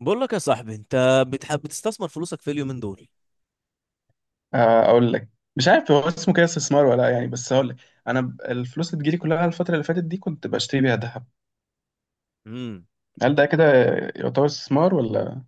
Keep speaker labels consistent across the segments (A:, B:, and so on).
A: بقول لك يا صاحبي، انت بتحب بتستثمر فلوسك في اليومين دول؟
B: اقول لك. مش عارف هو اسمه كده استثمار ولا لا، يعني بس هقول لك. انا الفلوس اللي بتجيلي كلها الفتره اللي فاتت دي كنت بشتري بيها ذهب.
A: امم
B: هل ده كده يعتبر استثمار ولا؟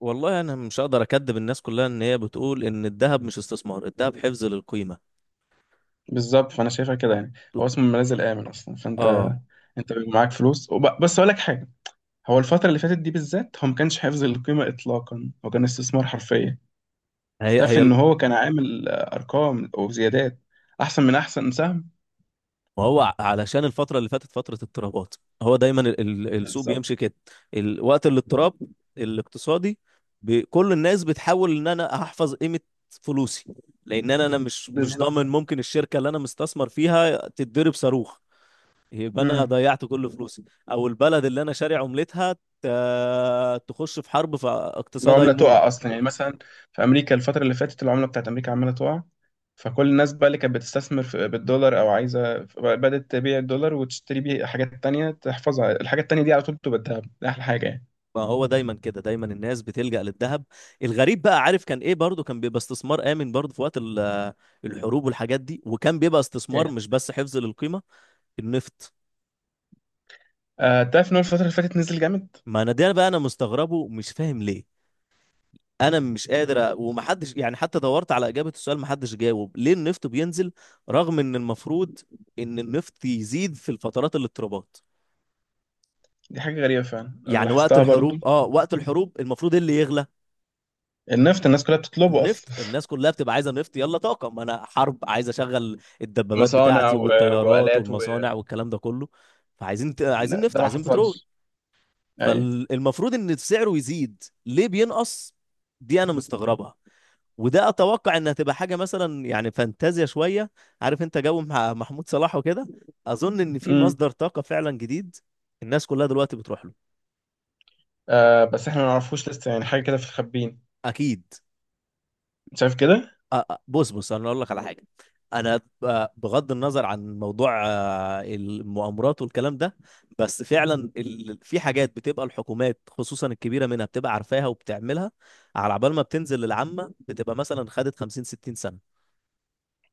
A: والله انا مش هقدر اكدب الناس كلها، ان هي بتقول ان الذهب مش استثمار، الذهب حفظ للقيمه.
B: بالظبط، فانا شايفها كده يعني. هو اسمه الملاذ الامن اصلا، فانت
A: اه
B: بيبقى معاك فلوس بس هقول لك حاجه. هو الفتره اللي فاتت دي بالذات، هو ما كانش حفظ القيمه اطلاقا، هو كان استثمار حرفيا.
A: هي
B: تعرف
A: هي
B: ان هو كان عامل ارقام وزيادات، احسن من احسن سهم.
A: ما هو علشان الفتره اللي فاتت فتره اضطرابات. هو دايما السوق
B: بالظبط،
A: بيمشي كده. وقت الاضطراب الاقتصادي، كل الناس بتحاول ان انا احفظ قيمه فلوسي، لان انا مش
B: بالظبط.
A: ضامن، ممكن الشركه اللي انا مستثمر فيها تتضرب صاروخ، يبقى انا
B: مم.
A: ضيعت كل فلوسي. او البلد اللي انا شاري عملتها تخش في حرب فاقتصادها
B: العملة
A: يموت.
B: تقع أصلا يعني، مثلا في أمريكا الفترة اللي فاتت العملة بتاعت أمريكا عمالة تقع. فكل الناس بقى اللي كانت بتستثمر في بالدولار أو عايزة بدأت تبيع الدولار وتشتري بيه حاجات تانية تحفظها، الحاجات التانية دي على طول بتبقى الذهب، دي أحلى حاجة يعني.
A: ما هو دايما كده، دايما الناس بتلجأ للذهب. الغريب بقى، عارف كان ايه؟ برضو كان بيبقى استثمار آمن برضو في وقت الحروب والحاجات دي، وكان بيبقى استثمار
B: إيه.
A: مش بس حفظ للقيمة. النفط،
B: آه، تعرف إن هو الفترة اللي فاتت نزل جامد.
A: ما انا ده بقى انا مستغربه، مش فاهم ليه. انا مش قادر ومحدش يعني، حتى دورت على اجابة السؤال محدش جاوب ليه النفط بينزل، رغم ان المفروض ان النفط يزيد في الفترات الاضطرابات.
B: دي حاجة غريبة فعلا، أنا
A: يعني وقت
B: لاحظتها برضو.
A: الحروب، وقت الحروب المفروض إيه اللي يغلى؟
B: النفط الناس كلها بتطلبه
A: النفط.
B: أصلا.
A: الناس كلها بتبقى عايزه نفط، يلا طاقه. ما انا حرب، عايز اشغل الدبابات
B: مصانع
A: بتاعتي
B: و،
A: والطيارات
B: وآلات و.
A: والمصانع والكلام ده كله. فعايزين عايزين
B: لا،
A: نفط،
B: ده ما
A: عايزين بترول.
B: حصلش. أيوة.
A: فالمفروض ان سعره يزيد، ليه بينقص؟ دي انا مستغربها، وده اتوقع انها تبقى حاجه مثلا يعني فانتازيا شويه. عارف انت جو مع محمود صلاح وكده. اظن ان في
B: أمم.
A: مصدر طاقه فعلا جديد الناس كلها دلوقتي بتروح له.
B: آه بس، إحنا ما نعرفوش لسه يعني، حاجة كده في الخبين.
A: اكيد.
B: شايف كده؟
A: بص بص انا اقول لك على حاجه. انا بغض النظر عن موضوع المؤامرات والكلام ده، بس فعلا في حاجات بتبقى الحكومات خصوصا الكبيره منها بتبقى عارفاها وبتعملها على عبال ما بتنزل للعامه، بتبقى مثلا خدت 50 60 سنه.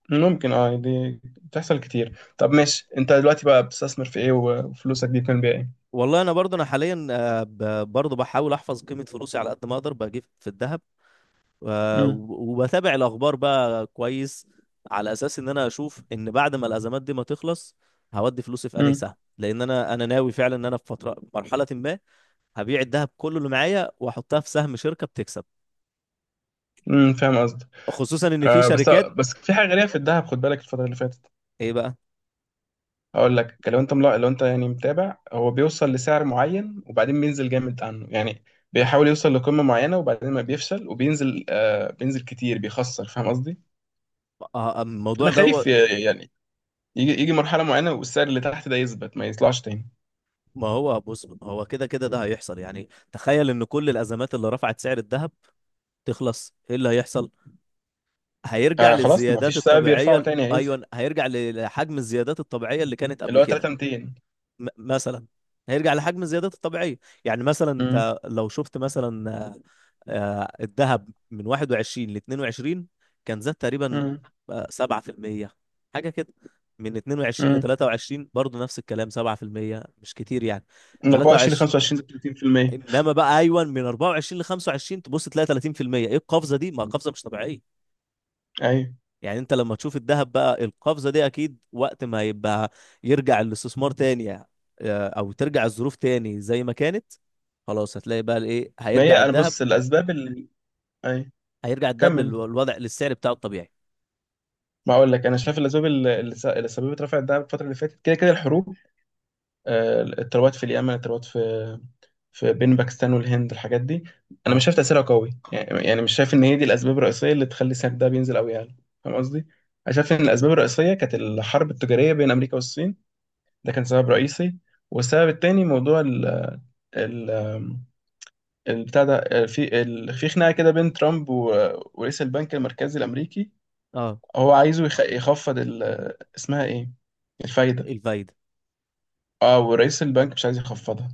B: ممكن، اه، دي بتحصل كتير. طب ماشي، انت دلوقتي بقى بتستثمر في ايه؟ وفلوسك دي بتعمل بيها ايه؟
A: والله انا برضو انا حاليا، برضو بحاول احفظ قيمه فلوسي على قد ما اقدر، بجيب في الذهب.
B: امم.
A: وبتابع الاخبار بقى كويس، على اساس ان انا اشوف ان بعد ما الازمات دي ما تخلص هودي فلوسي في انهي
B: امم.
A: سهم. لان انا ناوي فعلا ان انا في فتره مرحله ما هبيع الذهب كله اللي معايا واحطها في سهم شركه بتكسب،
B: امم. فاهم قصدك.
A: خصوصا ان في
B: آه بس،
A: شركات.
B: في حاجه غريبه في الذهب، خد بالك الفتره اللي فاتت.
A: ايه بقى؟
B: هقول لك، لو انت لو انت يعني متابع، هو بيوصل لسعر معين وبعدين بينزل جامد عنه يعني. بيحاول يوصل لقمه معينه وبعدين ما بيفشل وبينزل، بينزل كتير بيخسر، فاهم قصدي؟
A: الموضوع
B: فانا
A: ده،
B: خايف
A: هو
B: يعني يجي مرحله معينه والسعر اللي تحت ده يثبت ما يطلعش تاني.
A: ما هو بص، هو كده كده ده هيحصل. يعني تخيل ان كل الازمات اللي رفعت سعر الذهب تخلص، ايه اللي هيحصل؟ هيرجع
B: آه خلاص، ما
A: للزيادات
B: فيش سبب يرفعه
A: الطبيعيه.
B: تاني، هينزل
A: ايوه، هيرجع لحجم الزيادات الطبيعيه اللي كانت قبل
B: اللي هو
A: كده.
B: 3200.
A: مثلا هيرجع لحجم زيادته الطبيعية. يعني مثلا
B: امم.
A: انت لو شفت مثلا الذهب من 21 ل 22 كان زاد تقريبا
B: امم.
A: 7% حاجة كده. من 22 ل
B: امم.
A: 23 برضه نفس الكلام 7%، مش كتير يعني.
B: من 24 ل
A: 23،
B: 25 ل 30%.
A: انما بقى ايوه من 24 ل 25 تبص تلاقي 30%. ايه القفزة دي؟ ما القفزة مش طبيعية.
B: ايوه.
A: يعني انت لما تشوف الذهب بقى القفزه دي، اكيد وقت ما يبقى يرجع الاستثمار تاني، او ترجع الظروف تاني زي ما كانت، خلاص هتلاقي بقى الايه
B: ما
A: هيرجع
B: هي انا
A: الذهب.
B: بص الاسباب اللي. ايوه،
A: هيرجع الذهب
B: كمل.
A: للوضع، للسعر بتاعه الطبيعي.
B: ما اقول لك، انا شايف الاسباب اللي اللي سببت رفع الدعم الفتره اللي فاتت كده كده، الحروب، التروات في اليمن، التروات في بين باكستان والهند، الحاجات دي. انا مش
A: اه،
B: شايف تاثيرها قوي يعني مش شايف ان هي دي الاسباب الرئيسيه اللي تخلي سعر الدهب ينزل قوي يعني. فاهم قصدي؟ انا شايف ان الاسباب الرئيسيه كانت الحرب التجاريه بين امريكا والصين، ده كان سبب رئيسي. والسبب التاني، موضوع البتاع ده، في في خناقه كده بين ترامب ورئيس البنك المركزي الامريكي.
A: اه،
B: هو عايزه يخفض اسمها ايه؟ الفايده.
A: الفايده.
B: اه، ورئيس البنك مش عايز يخفضها.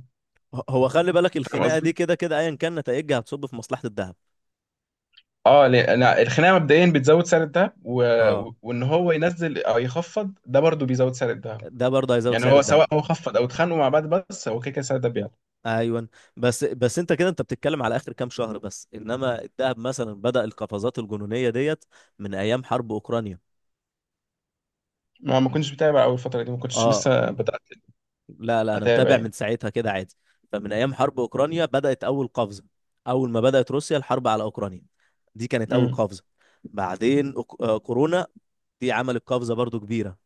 A: هو خلي بالك
B: فاهم
A: الخناقه دي
B: قصدي.
A: كده كده ايا كان نتائجها هتصب في مصلحه الذهب.
B: اه، لان الخناقه مبدئيا بتزود سعر الذهب،
A: اه،
B: وان هو ينزل او يخفض ده برضه بيزود سعر الذهب.
A: ده برضه هيزود
B: يعني
A: سعر
B: هو سواء
A: الذهب.
B: هو خفض او اتخانقوا مع بعض بس، هو كده كده سعر الذهب بيعلى.
A: ايوه. بس بس انت كده انت بتتكلم على اخر كام شهر بس، انما الذهب مثلا بدأ القفزات الجنونيه ديت من ايام حرب اوكرانيا.
B: ما كنتش بتابع اول الفتره دي، ما كنتش
A: اه،
B: لسه بدات
A: لا لا انا
B: اتابع
A: متابع من
B: يعني.
A: ساعتها كده عادي. فمن ايام حرب اوكرانيا بدات اول قفزه. اول ما بدات روسيا الحرب على اوكرانيا، دي كانت اول
B: امم.
A: قفزه. بعدين كورونا، دي عملت قفزه برضو كبيره.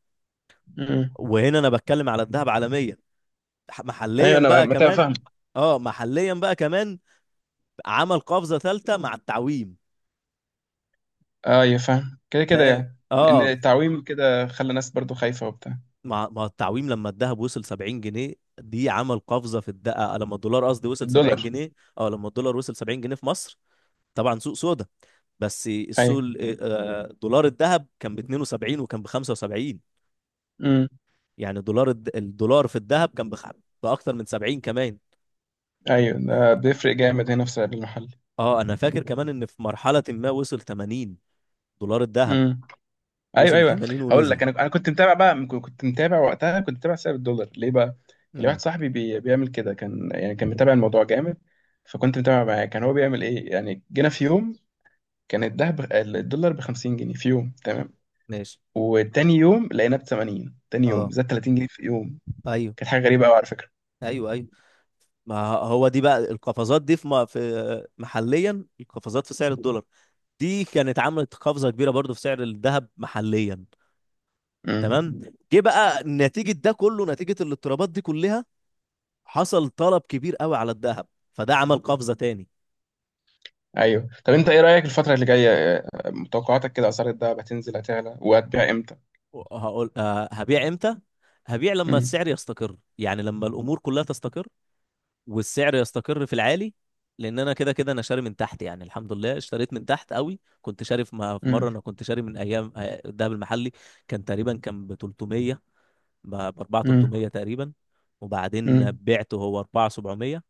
B: امم.
A: وهنا انا بتكلم على الذهب عالميا.
B: ايوه،
A: محليا
B: انا
A: بقى كمان،
B: متابع.
A: اه محليا بقى كمان عمل قفزه ثالثه مع التعويم.
B: ايوه، فاهم. كده
A: ف
B: كده يعني، لان
A: اه
B: التعويم كده خلى الناس برضو خايفه وبتاع.
A: مع التعويم، لما الذهب وصل 70 جنيه، دي عمل قفزه في الدقه، لما الدولار قصدي وصل 70
B: الدولار.
A: جنيه اه، لما الدولار وصل 70 جنيه في مصر، طبعا سوق سودا. بس السوق
B: ايوه.
A: دولار الذهب كان ب 72 وكان ب 75.
B: امم.
A: يعني دولار الدولار في الذهب كان بأكتر من 70 كمان.
B: ايوه، ده بيفرق جامد هنا في السعر المحلي.
A: اه، انا فاكر كمان ان في مرحلة ما وصل 80 دولار الذهب،
B: امم. ايوه.
A: وصل
B: ايوه،
A: 80
B: هقول
A: ونزل.
B: لك، انا كنت متابع بقى، كنت متابع وقتها، كنت متابع سعر الدولار ليه بقى. كان لي
A: امم
B: واحد صاحبي بيعمل كده، كان يعني كان متابع الموضوع جامد. فكنت متابع معاه، كان هو بيعمل ايه يعني. جينا في يوم كان الدهب الدولار ب 50 جنيه في يوم تمام،
A: ماشي.
B: وتاني يوم لقيناه ب 80. تاني يوم
A: اه.
B: زاد 30 جنيه في يوم،
A: ايوه،
B: كانت حاجه غريبه قوي على فكره.
A: ايوه، ايوه. ما هو دي بقى القفزات دي في محليا، القفزات في سعر الدولار دي كانت عملت قفزة كبيرة برضو في سعر الذهب محليا.
B: امم.
A: تمام. جه بقى نتيجه ده كله، نتيجه الاضطرابات دي كلها حصل طلب كبير قوي على الذهب، فده عمل قفزه تاني.
B: ايوه. طب انت ايه رايك الفتره اللي جايه، متوقعاتك كده، اسعار الدهب هتنزل هتعلى؟ وهتبيع امتى؟
A: هقول أه هبيع امتى. هبيع لما
B: امم.
A: السعر يستقر، يعني لما الامور كلها تستقر والسعر يستقر في العالي. لان انا كده كده انا شاري من تحت، يعني الحمد لله اشتريت من تحت قوي. كنت شاري في مره،
B: امم.
A: انا كنت شاري من ايام الذهب المحلي كان تقريبا كان ب 300، ب 4
B: امم.
A: 300 تقريبا. وبعدين
B: امم.
A: بعته هو 4 700.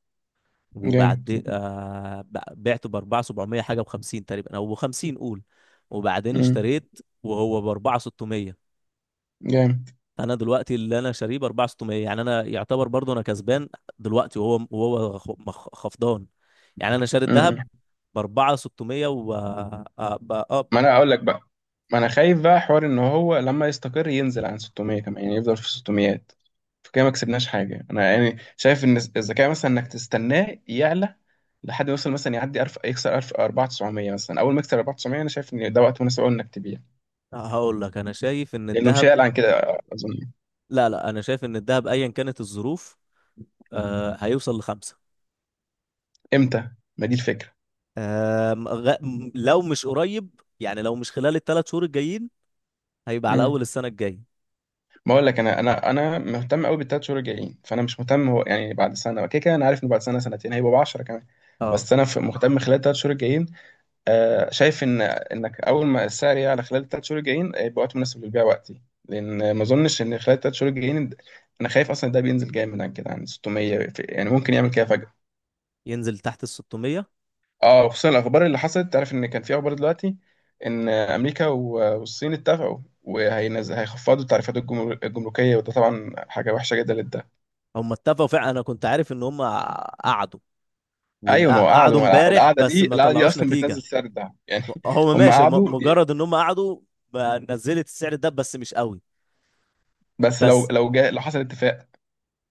B: جامد.
A: وبعدين بعته ب 4700 حاجه، ب 50 تقريبا او ب 50، قول. وبعدين
B: امم.
A: اشتريت وهو ب 4600.
B: جامد.
A: انا دلوقتي اللي انا شاريه ب 4600، يعني انا يعتبر برضو انا كسبان دلوقتي، وهو خفضان. يعني انا شاري الذهب
B: امم
A: ب 4600. و اه،
B: ما انا اقول لك بقى، ما انا خايف بقى حوار ان هو لما يستقر ينزل عن 600 كمان، يعني يفضل في 600. فكده ما كسبناش حاجه. انا يعني شايف ان الذكاء مثلا انك تستناه يعلى لحد ما يوصل، مثلا يعدي ألف، يكسر 1000 4900 مثلا. اول ما يكسر 4900، انا شايف ان ده وقت مناسب قوي انك تبيع،
A: هقول لك انا شايف ان
B: لانه مش
A: الذهب،
B: هيعلى عن كده اظن.
A: لا لا انا شايف ان الذهب ايا كانت الظروف آه هيوصل لخمسة.
B: امتى؟ ما دي الفكره.
A: لو مش قريب، يعني لو مش خلال الثلاث شهور الجايين، هيبقى على اول
B: امم.
A: السنة الجاية.
B: بقول لك، انا مهتم قوي بالثلاث شهور الجايين، فانا مش مهتم هو يعني بعد سنه. كده كده انا عارف ان بعد سنه سنتين هيبقوا ب 10 كمان.
A: اه،
B: بس انا مهتم خلال الثلاث شهور الجايين. آه، شايف ان انك اول ما السعر يعلى خلال الثلاث شهور الجايين يبقى وقت مناسب للبيع وقتي. لان ما اظنش ان خلال الثلاث شهور الجايين، انا خايف اصلا ده بينزل جامد عن كده عن 600 يعني، ممكن يعمل كده.
A: ينزل تحت ال 600.
B: اه، وخصوصا الاخبار اللي حصلت. تعرف ان كان في اخبار دلوقتي ان امريكا والصين اتفقوا، هيخفضوا التعريفات الجمركيه، وده طبعا حاجه وحشه جدا للدهب.
A: هم اتفقوا فعلا، انا كنت عارف ان هم قعدوا،
B: ايوه، ما هو قعدوا،
A: وقعدوا
B: ما هو
A: امبارح
B: القعده
A: بس
B: دي
A: ما
B: القعده دي
A: طلعوش
B: اصلا بتنزل
A: نتيجة.
B: سعر الدهب يعني.
A: هو
B: هم
A: ماشي هم
B: قعدوا
A: مجرد ان هم قعدوا بقى نزلت السعر ده بس مش قوي.
B: بس لو،
A: بس
B: جاء، لو حصل اتفاق.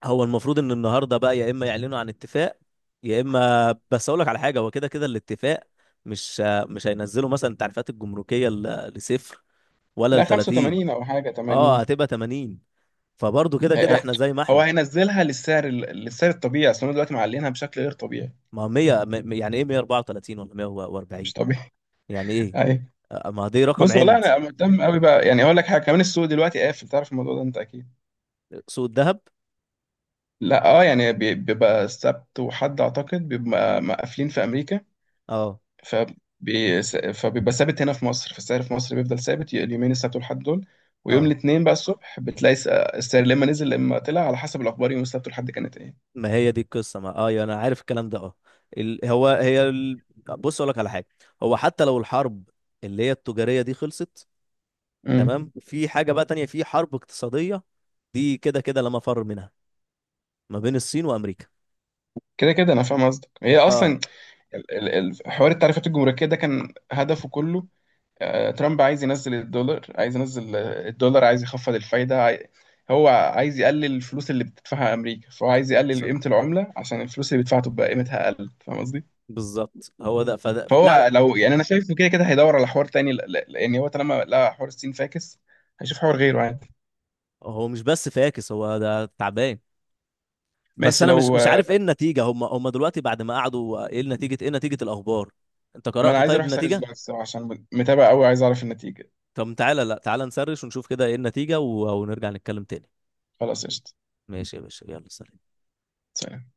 A: هو المفروض ان النهاردة بقى يا اما يعلنوا عن اتفاق، يا اما بس اقول لك على حاجة، هو كده كده الاتفاق مش مش هينزلوا مثلا التعريفات الجمركية لصفر ولا
B: لا
A: ل 30.
B: 85 او حاجه
A: اه،
B: 80.
A: هتبقى 80. فبرضه كده
B: هي-
A: كده
B: هي-
A: احنا زي ما
B: هو
A: احنا.
B: هينزلها للسعر للسعر الطبيعي، اصل هم دلوقتي معلينها بشكل غير طبيعي،
A: ما هو 100، يعني ايه 134 ولا 140؟
B: مش طبيعي.
A: يعني ايه؟
B: ايوه.
A: ما هو دي رقم
B: بص والله،
A: عند.
B: انا مهتم قوي بقى يعني. اقول لك حاجه كمان، السوق دلوقتي قافل، تعرف الموضوع ده انت اكيد.
A: سوق الذهب.
B: لا، اه يعني بيبقى سبت وحد اعتقد بيبقى مقفلين في امريكا.
A: اه،
B: ف فبيبقى ثابت هنا في مصر، فالسعر في مصر بيفضل ثابت اليومين السبت والحد دول. ويوم
A: اه،
B: الاثنين بقى الصبح بتلاقي السعر لما نزل لما طلع على حسب الاخبار يوم السبت والحد كانت ايه.
A: ما هي دي القصه. ما اه يعني انا عارف الكلام ده. اه هو هي بص اقول لك على حاجه. هو حتى لو الحرب اللي هي التجاريه دي خلصت،
B: امم.
A: تمام. في حاجه بقى تانية، في حرب اقتصاديه دي كده كده لا مفر منها، ما بين الصين وامريكا.
B: كده كده انا فاهم قصدك. هي
A: اه.
B: اصلا حوار التعريفات الجمركيه ده كان هدفه كله، ترامب عايز ينزل الدولار، عايز ينزل الدولار، عايز يخفض الفايدة هو عايز يقلل الفلوس اللي بتدفعها أمريكا، فهو عايز يقلل
A: ص-
B: قيمة العملة عشان الفلوس اللي بيدفعها تبقى قيمتها أقل، فاهم قصدي؟
A: بالظبط هو ده. فده لا لا
B: فهو لو يعني، أنا شايفه كده كده هيدور على حوار تاني لأن هو طالما لقى حوار الصين فاكس، هيشوف حوار غيره عادي.
A: هو مش بس فاكس، هو ده تعبان. بس
B: ماشي.
A: انا مش
B: لو
A: مش
B: آه،
A: عارف ايه النتيجه. هم دلوقتي بعد ما قعدوا، ايه النتيجه، ايه نتيجه الاخبار؟ انت
B: ما أنا
A: قرأت
B: عايز
A: طيب
B: أروح أسأل
A: النتيجه؟
B: الزراعة الصراحة عشان متابع أوي، عايز أعرف النتيجة.
A: طب تعالى، لا تعالى نسرش ونشوف كده ايه النتيجه، ونرجع نتكلم تاني.
B: خلاص قشطة.
A: ماشي يا باشا، يلا سلام.
B: سلام.